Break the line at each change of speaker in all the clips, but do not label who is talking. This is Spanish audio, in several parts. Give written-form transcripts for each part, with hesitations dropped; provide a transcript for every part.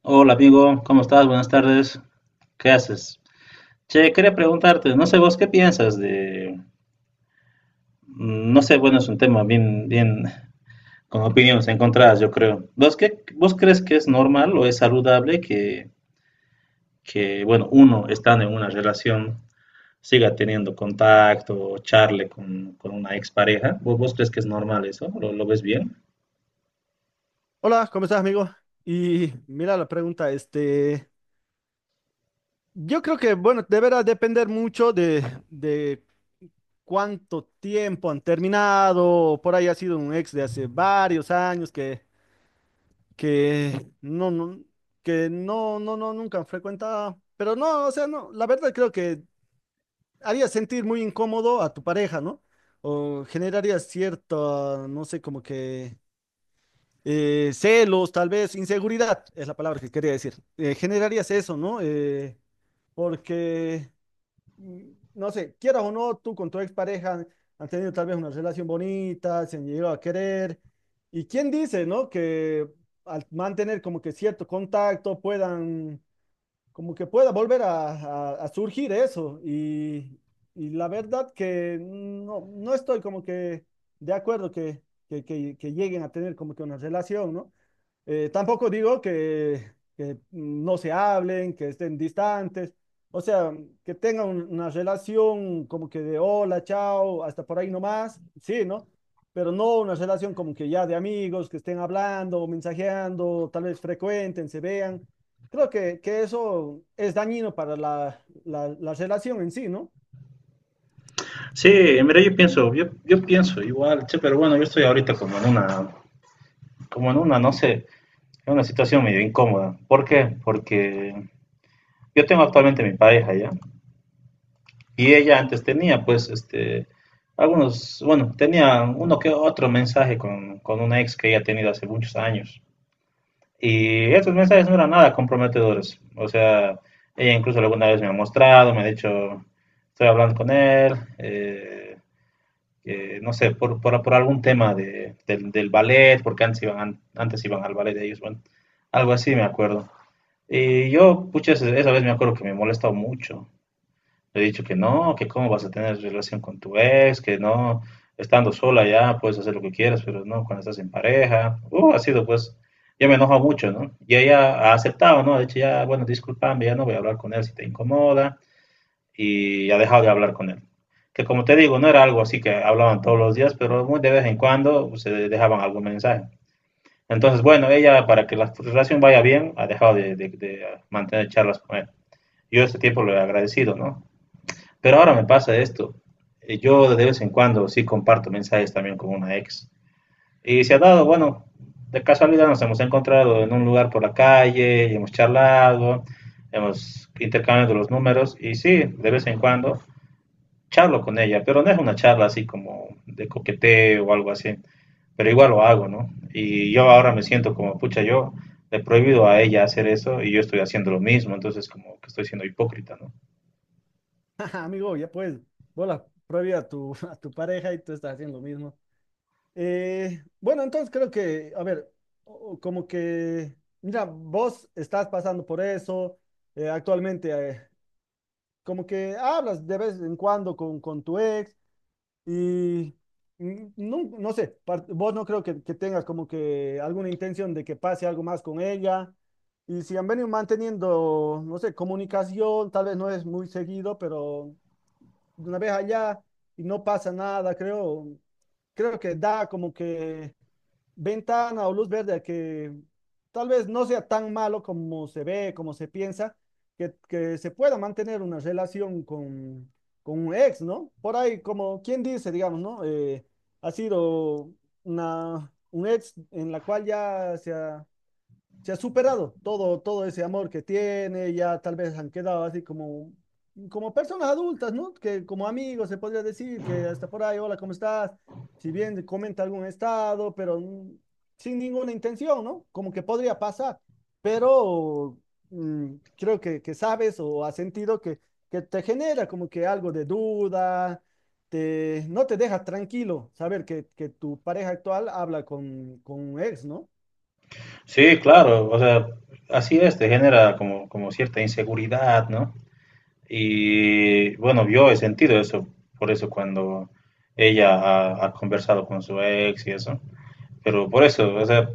Hola amigo, ¿cómo estás? Buenas tardes. ¿Qué haces? Che, quería preguntarte, no sé vos qué piensas de... No sé, bueno, es un tema bien, con opiniones encontradas, yo creo. ¿Vos crees que es normal o es saludable que, bueno, uno estando en una relación siga teniendo contacto o charle con una expareja? ¿Vos crees que es normal eso? ¿Lo ves bien?
Hola, ¿cómo estás, amigo? Y mira la pregunta, yo creo que, bueno, deberá depender mucho de cuánto tiempo han terminado. Por ahí ha sido un ex de hace varios años que no, no, que no, no, no, nunca han frecuentado, pero no, o sea, no, la verdad creo que haría sentir muy incómodo a tu pareja, ¿no? O generaría cierto, no sé, como que celos, tal vez, inseguridad es la palabra que quería decir. Generarías eso, ¿no? Porque, mm, no sé, quieras o no, tú con tu expareja han tenido tal vez una relación bonita, se han llegado a querer. ¿Y quién dice, ¿no? Que al mantener como que cierto contacto puedan, como que pueda volver a surgir eso. Y la verdad que no, no estoy como que de acuerdo que lleguen a tener como que una relación, ¿no? Tampoco digo que no se hablen, que estén distantes, o sea, que tengan una relación como que de hola, chao, hasta por ahí nomás, sí, ¿no? Pero no una relación como que ya de amigos, que estén hablando, mensajeando, tal vez frecuenten, se vean. Creo que eso es dañino para la relación en sí, ¿no?
Sí, mira, yo pienso, yo pienso igual, che, pero bueno, yo estoy ahorita como en una, no sé. Es una situación medio incómoda. ¿Por qué? Porque yo tengo actualmente mi pareja ya. Y ella antes tenía, pues, este, algunos, bueno, tenía uno que otro mensaje con una ex que ella ha tenido hace muchos años. Y estos mensajes no eran nada comprometedores. O sea, ella incluso alguna vez me ha mostrado, me ha dicho, estoy hablando con él, eh, no sé, por algún tema de, del ballet, porque antes iban al ballet de ellos, bueno, algo así me acuerdo. Y yo, pucha, esa vez me acuerdo que me he molestado mucho. Le he dicho que no, que cómo vas a tener relación con tu ex, que no, estando sola ya puedes hacer lo que quieras, pero no cuando estás en pareja. Ha sido pues, yo me enojo mucho, ¿no? Y ella ha aceptado, ¿no? Ha dicho ya, bueno, discúlpame, ya no voy a hablar con él si te incomoda. Y ha dejado de hablar con él. Que como te digo, no era algo así que hablaban todos los días, pero muy de vez en cuando pues, se dejaban algún mensaje. Entonces, bueno, ella para que la relación vaya bien ha dejado de mantener charlas con él. Yo este tiempo lo he agradecido, ¿no? Pero ahora me pasa esto. Yo de vez en cuando sí comparto mensajes también con una ex. Y se ha dado, bueno, de casualidad nos hemos encontrado en un lugar por la calle, y hemos charlado, hemos intercambiado los números y sí, de vez en cuando charlo con ella, pero no es una charla así como de coqueteo o algo así, pero igual lo hago, ¿no? Y yo ahora me siento como, pucha, yo le he prohibido a ella hacer eso y yo estoy haciendo lo mismo, entonces como que estoy siendo hipócrita, ¿no?
Amigo, ya pues, vos la prohibí a tu, a tu pareja y tú estás haciendo lo mismo. Bueno, entonces creo que, a ver, o- o como que, mira, vos estás pasando por eso actualmente. Como que hablas de vez en cuando con tu ex y no, no sé, vos no creo que tengas como que alguna intención de que pase algo más con ella. Y si han venido manteniendo, no sé, comunicación, tal vez no es muy seguido, pero una vez allá y no pasa nada, creo que da como que ventana o luz verde a que tal vez no sea tan malo como se ve, como se piensa, que se pueda mantener una relación con un ex, ¿no? Por ahí, como quien dice, digamos, ¿no? Ha sido una, un ex en la cual ya se ha superado todo, todo ese amor que tiene. Ya tal vez han quedado así como, como personas adultas, ¿no? Que como amigos se podría decir que hasta por ahí, hola, ¿cómo estás? Si bien comenta algún estado, pero sin ninguna intención, ¿no? Como que podría pasar, pero creo que sabes o has sentido que te genera como que algo de duda. Te, no te deja tranquilo saber que tu pareja actual habla con un ex, ¿no?
Sí, claro, o sea, así es, te genera como, como cierta inseguridad, ¿no? Y bueno, yo he sentido eso, por eso cuando ella ha conversado con su ex y eso, pero por eso, o sea,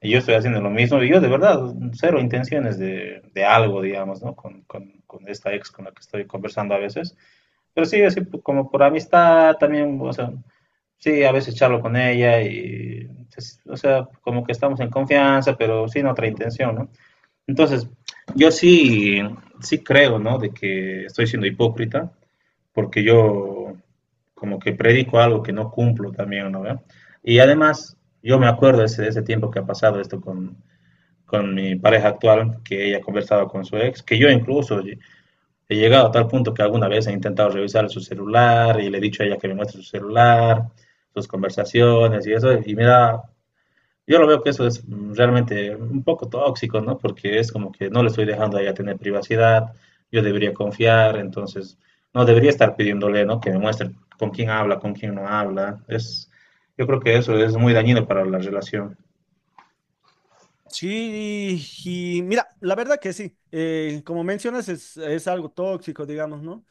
yo estoy haciendo lo mismo y yo de verdad, cero intenciones de algo, digamos, ¿no? Con esta ex con la que estoy conversando a veces. Pero sí, así como por amistad también, o sea, sí, a veces charlo con ella y, pues, o sea, como que estamos en confianza, pero sin otra intención, ¿no? Entonces, yo sí creo, ¿no? De que estoy siendo hipócrita, porque yo como que predico algo que no cumplo también, ¿no? ve? Y además, yo me acuerdo de ese tiempo que ha pasado esto con mi pareja actual, que ella conversaba con su ex, que yo incluso he llegado a tal punto que alguna vez he intentado revisar su celular y le he dicho a ella que me muestre su celular, sus conversaciones y eso. Y mira, yo lo veo que eso es realmente un poco tóxico, ¿no? Porque es como que no le estoy dejando a ella tener privacidad, yo debería confiar, entonces no debería estar pidiéndole, ¿no? Que me muestre con quién habla, con quién no habla. Es, yo creo que eso es muy dañino para la relación.
Sí, y mira, la verdad que sí. Como mencionas, es algo tóxico, digamos, ¿no?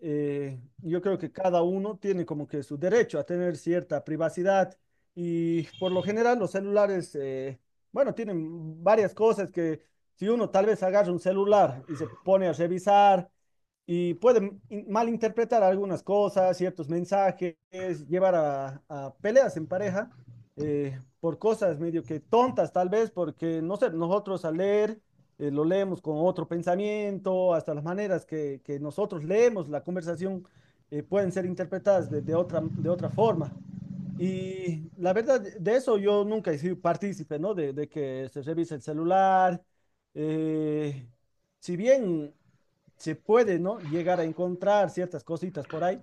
Yo creo que cada uno tiene como que su derecho a tener cierta privacidad, y por lo general los celulares, bueno, tienen varias cosas que si uno tal vez agarra un celular y se pone a revisar y puede malinterpretar algunas cosas, ciertos mensajes, llevar a peleas en pareja, por cosas medio que tontas tal vez, porque no sé, nosotros al leer, lo leemos con otro pensamiento. Hasta las maneras que nosotros leemos la conversación pueden ser interpretadas de otra forma. Y la verdad, de eso yo nunca he sido partícipe, ¿no? De que se revise el celular. eh, si bien se puede, ¿no? Llegar a encontrar ciertas cositas por ahí,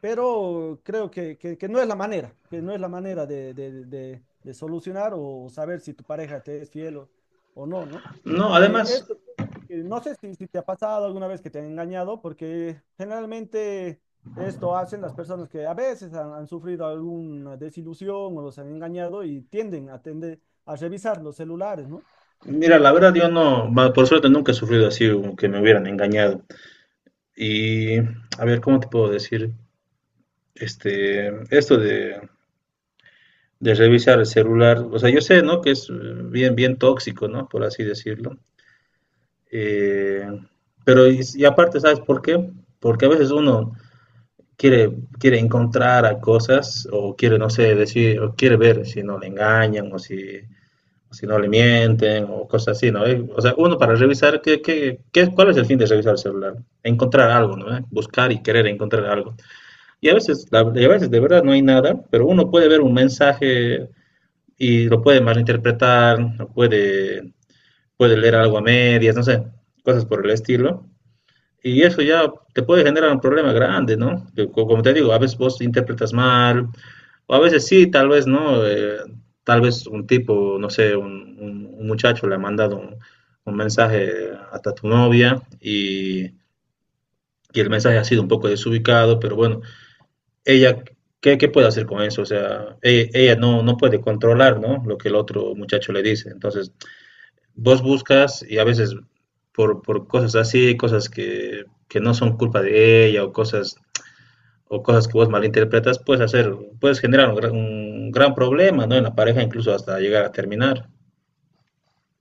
pero creo que, que no es la manera, que no es la manera de de solucionar o saber si tu pareja te es fiel o no, ¿no?
No,
Eh,
además,
esto, no sé si, si te ha pasado alguna vez que te han engañado, porque generalmente esto hacen las personas que a veces han, han sufrido alguna desilusión o los han engañado y tienden a tender a revisar los celulares, ¿no?
mira, la verdad yo no, va, por suerte nunca he sufrido así, como que me hubieran engañado. Y a ver, ¿cómo te puedo decir? Este, esto de revisar el celular, o sea, yo sé, ¿no? Que es bien tóxico, ¿no? Por así decirlo. Eh, pero y aparte, ¿sabes por qué? Porque a veces uno quiere, quiere encontrar a cosas o quiere, no sé, decir, o quiere ver si no le engañan o si no le mienten o cosas así, ¿no? O sea, uno para revisar, cuál es el fin de revisar el celular? Encontrar algo, ¿no? Buscar y querer encontrar algo. Y a veces, y a veces de verdad no hay nada, pero uno puede ver un mensaje y lo puede malinterpretar, lo puede, puede leer algo a medias, no sé, cosas por el estilo. Y eso ya te puede generar un problema grande, ¿no? Que como te digo, a veces vos interpretas mal, o a veces sí, tal vez no. Tal vez un tipo, no sé, un, un muchacho le ha mandado un mensaje hasta tu novia y el mensaje ha sido un poco desubicado, pero bueno. Ella, ¿qué, qué puede hacer con eso? O sea, ella, no, no puede controlar, ¿no? Lo que el otro muchacho le dice. Entonces, vos buscas y a veces por cosas así, cosas que no son culpa de ella o cosas que vos malinterpretas, puedes hacer, puedes generar un, un gran problema, ¿no? En la pareja, incluso hasta llegar a terminar.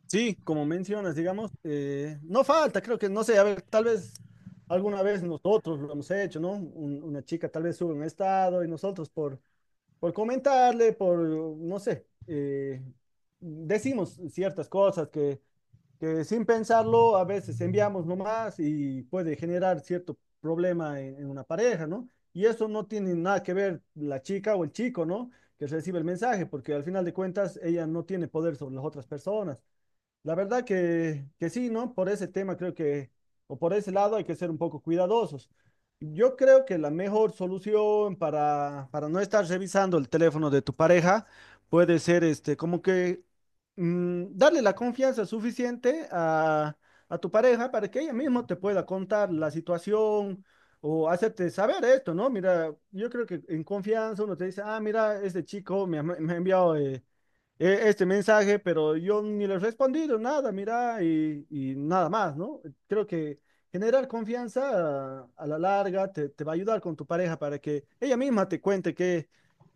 Sí, como mencionas, digamos, no falta, creo que, no sé, a ver, tal vez alguna vez nosotros lo hemos hecho, ¿no? Una chica tal vez sube un estado y nosotros por comentarle, por, no sé, decimos ciertas cosas que sin pensarlo a veces enviamos nomás y puede generar cierto problema en una pareja, ¿no? Y eso no tiene nada que ver la chica o el chico, ¿no? Que recibe el mensaje, porque al final de cuentas ella no tiene poder sobre las otras personas. La verdad que sí, ¿no? Por ese tema creo que, o por ese lado hay que ser un poco cuidadosos. Yo creo que la mejor solución para no estar revisando el teléfono de tu pareja puede ser este, como que darle la confianza suficiente a tu pareja para que ella misma te pueda contar la situación o hacerte saber esto, ¿no? Mira, yo creo que en confianza uno te dice, ah, mira, este chico me ha enviado... este mensaje, pero yo ni le he respondido nada, mira, y nada más, ¿no? Creo que generar confianza a la larga te, te va a ayudar con tu pareja para que ella misma te cuente qué,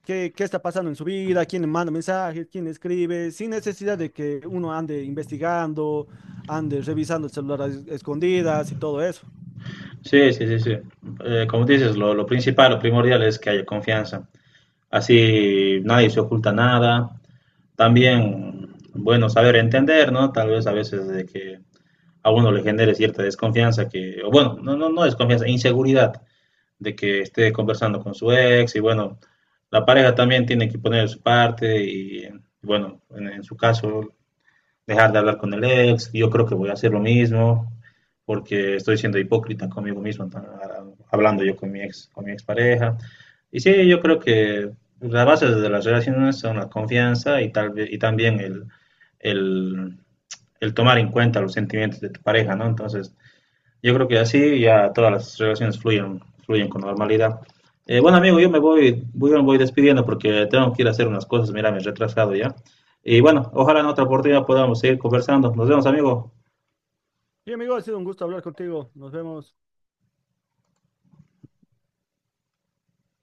qué, qué está pasando en su vida, quién le manda mensajes, quién le escribe, sin necesidad de que uno ande investigando, ande revisando el celular a escondidas y todo eso.
Sí, sí, sí, sí. Como dices, lo principal, lo primordial es que haya confianza. Así nadie se oculta nada. También, bueno, saber entender, ¿no? Tal vez a veces de que a uno le genere cierta desconfianza que, o bueno, no desconfianza, inseguridad de que esté conversando con su ex y bueno, la pareja también tiene que poner de su parte y bueno, en su caso dejar de hablar con el ex, yo creo que voy a hacer lo mismo, porque estoy siendo hipócrita conmigo mismo, hablando yo con mi ex, con mi expareja. Y sí, yo creo que las bases de las relaciones son la confianza y, y también el, el tomar en cuenta los sentimientos de tu pareja, ¿no? Entonces, yo creo que así ya todas las relaciones fluyen, fluyen con normalidad. Bueno, amigo, yo me voy, voy, me voy despidiendo porque tengo que ir a hacer unas cosas. Mira, me he retrasado ya. Y bueno, ojalá en otra oportunidad podamos seguir conversando. Nos vemos, amigo.
Y amigo, ha sido un gusto hablar contigo. Nos vemos.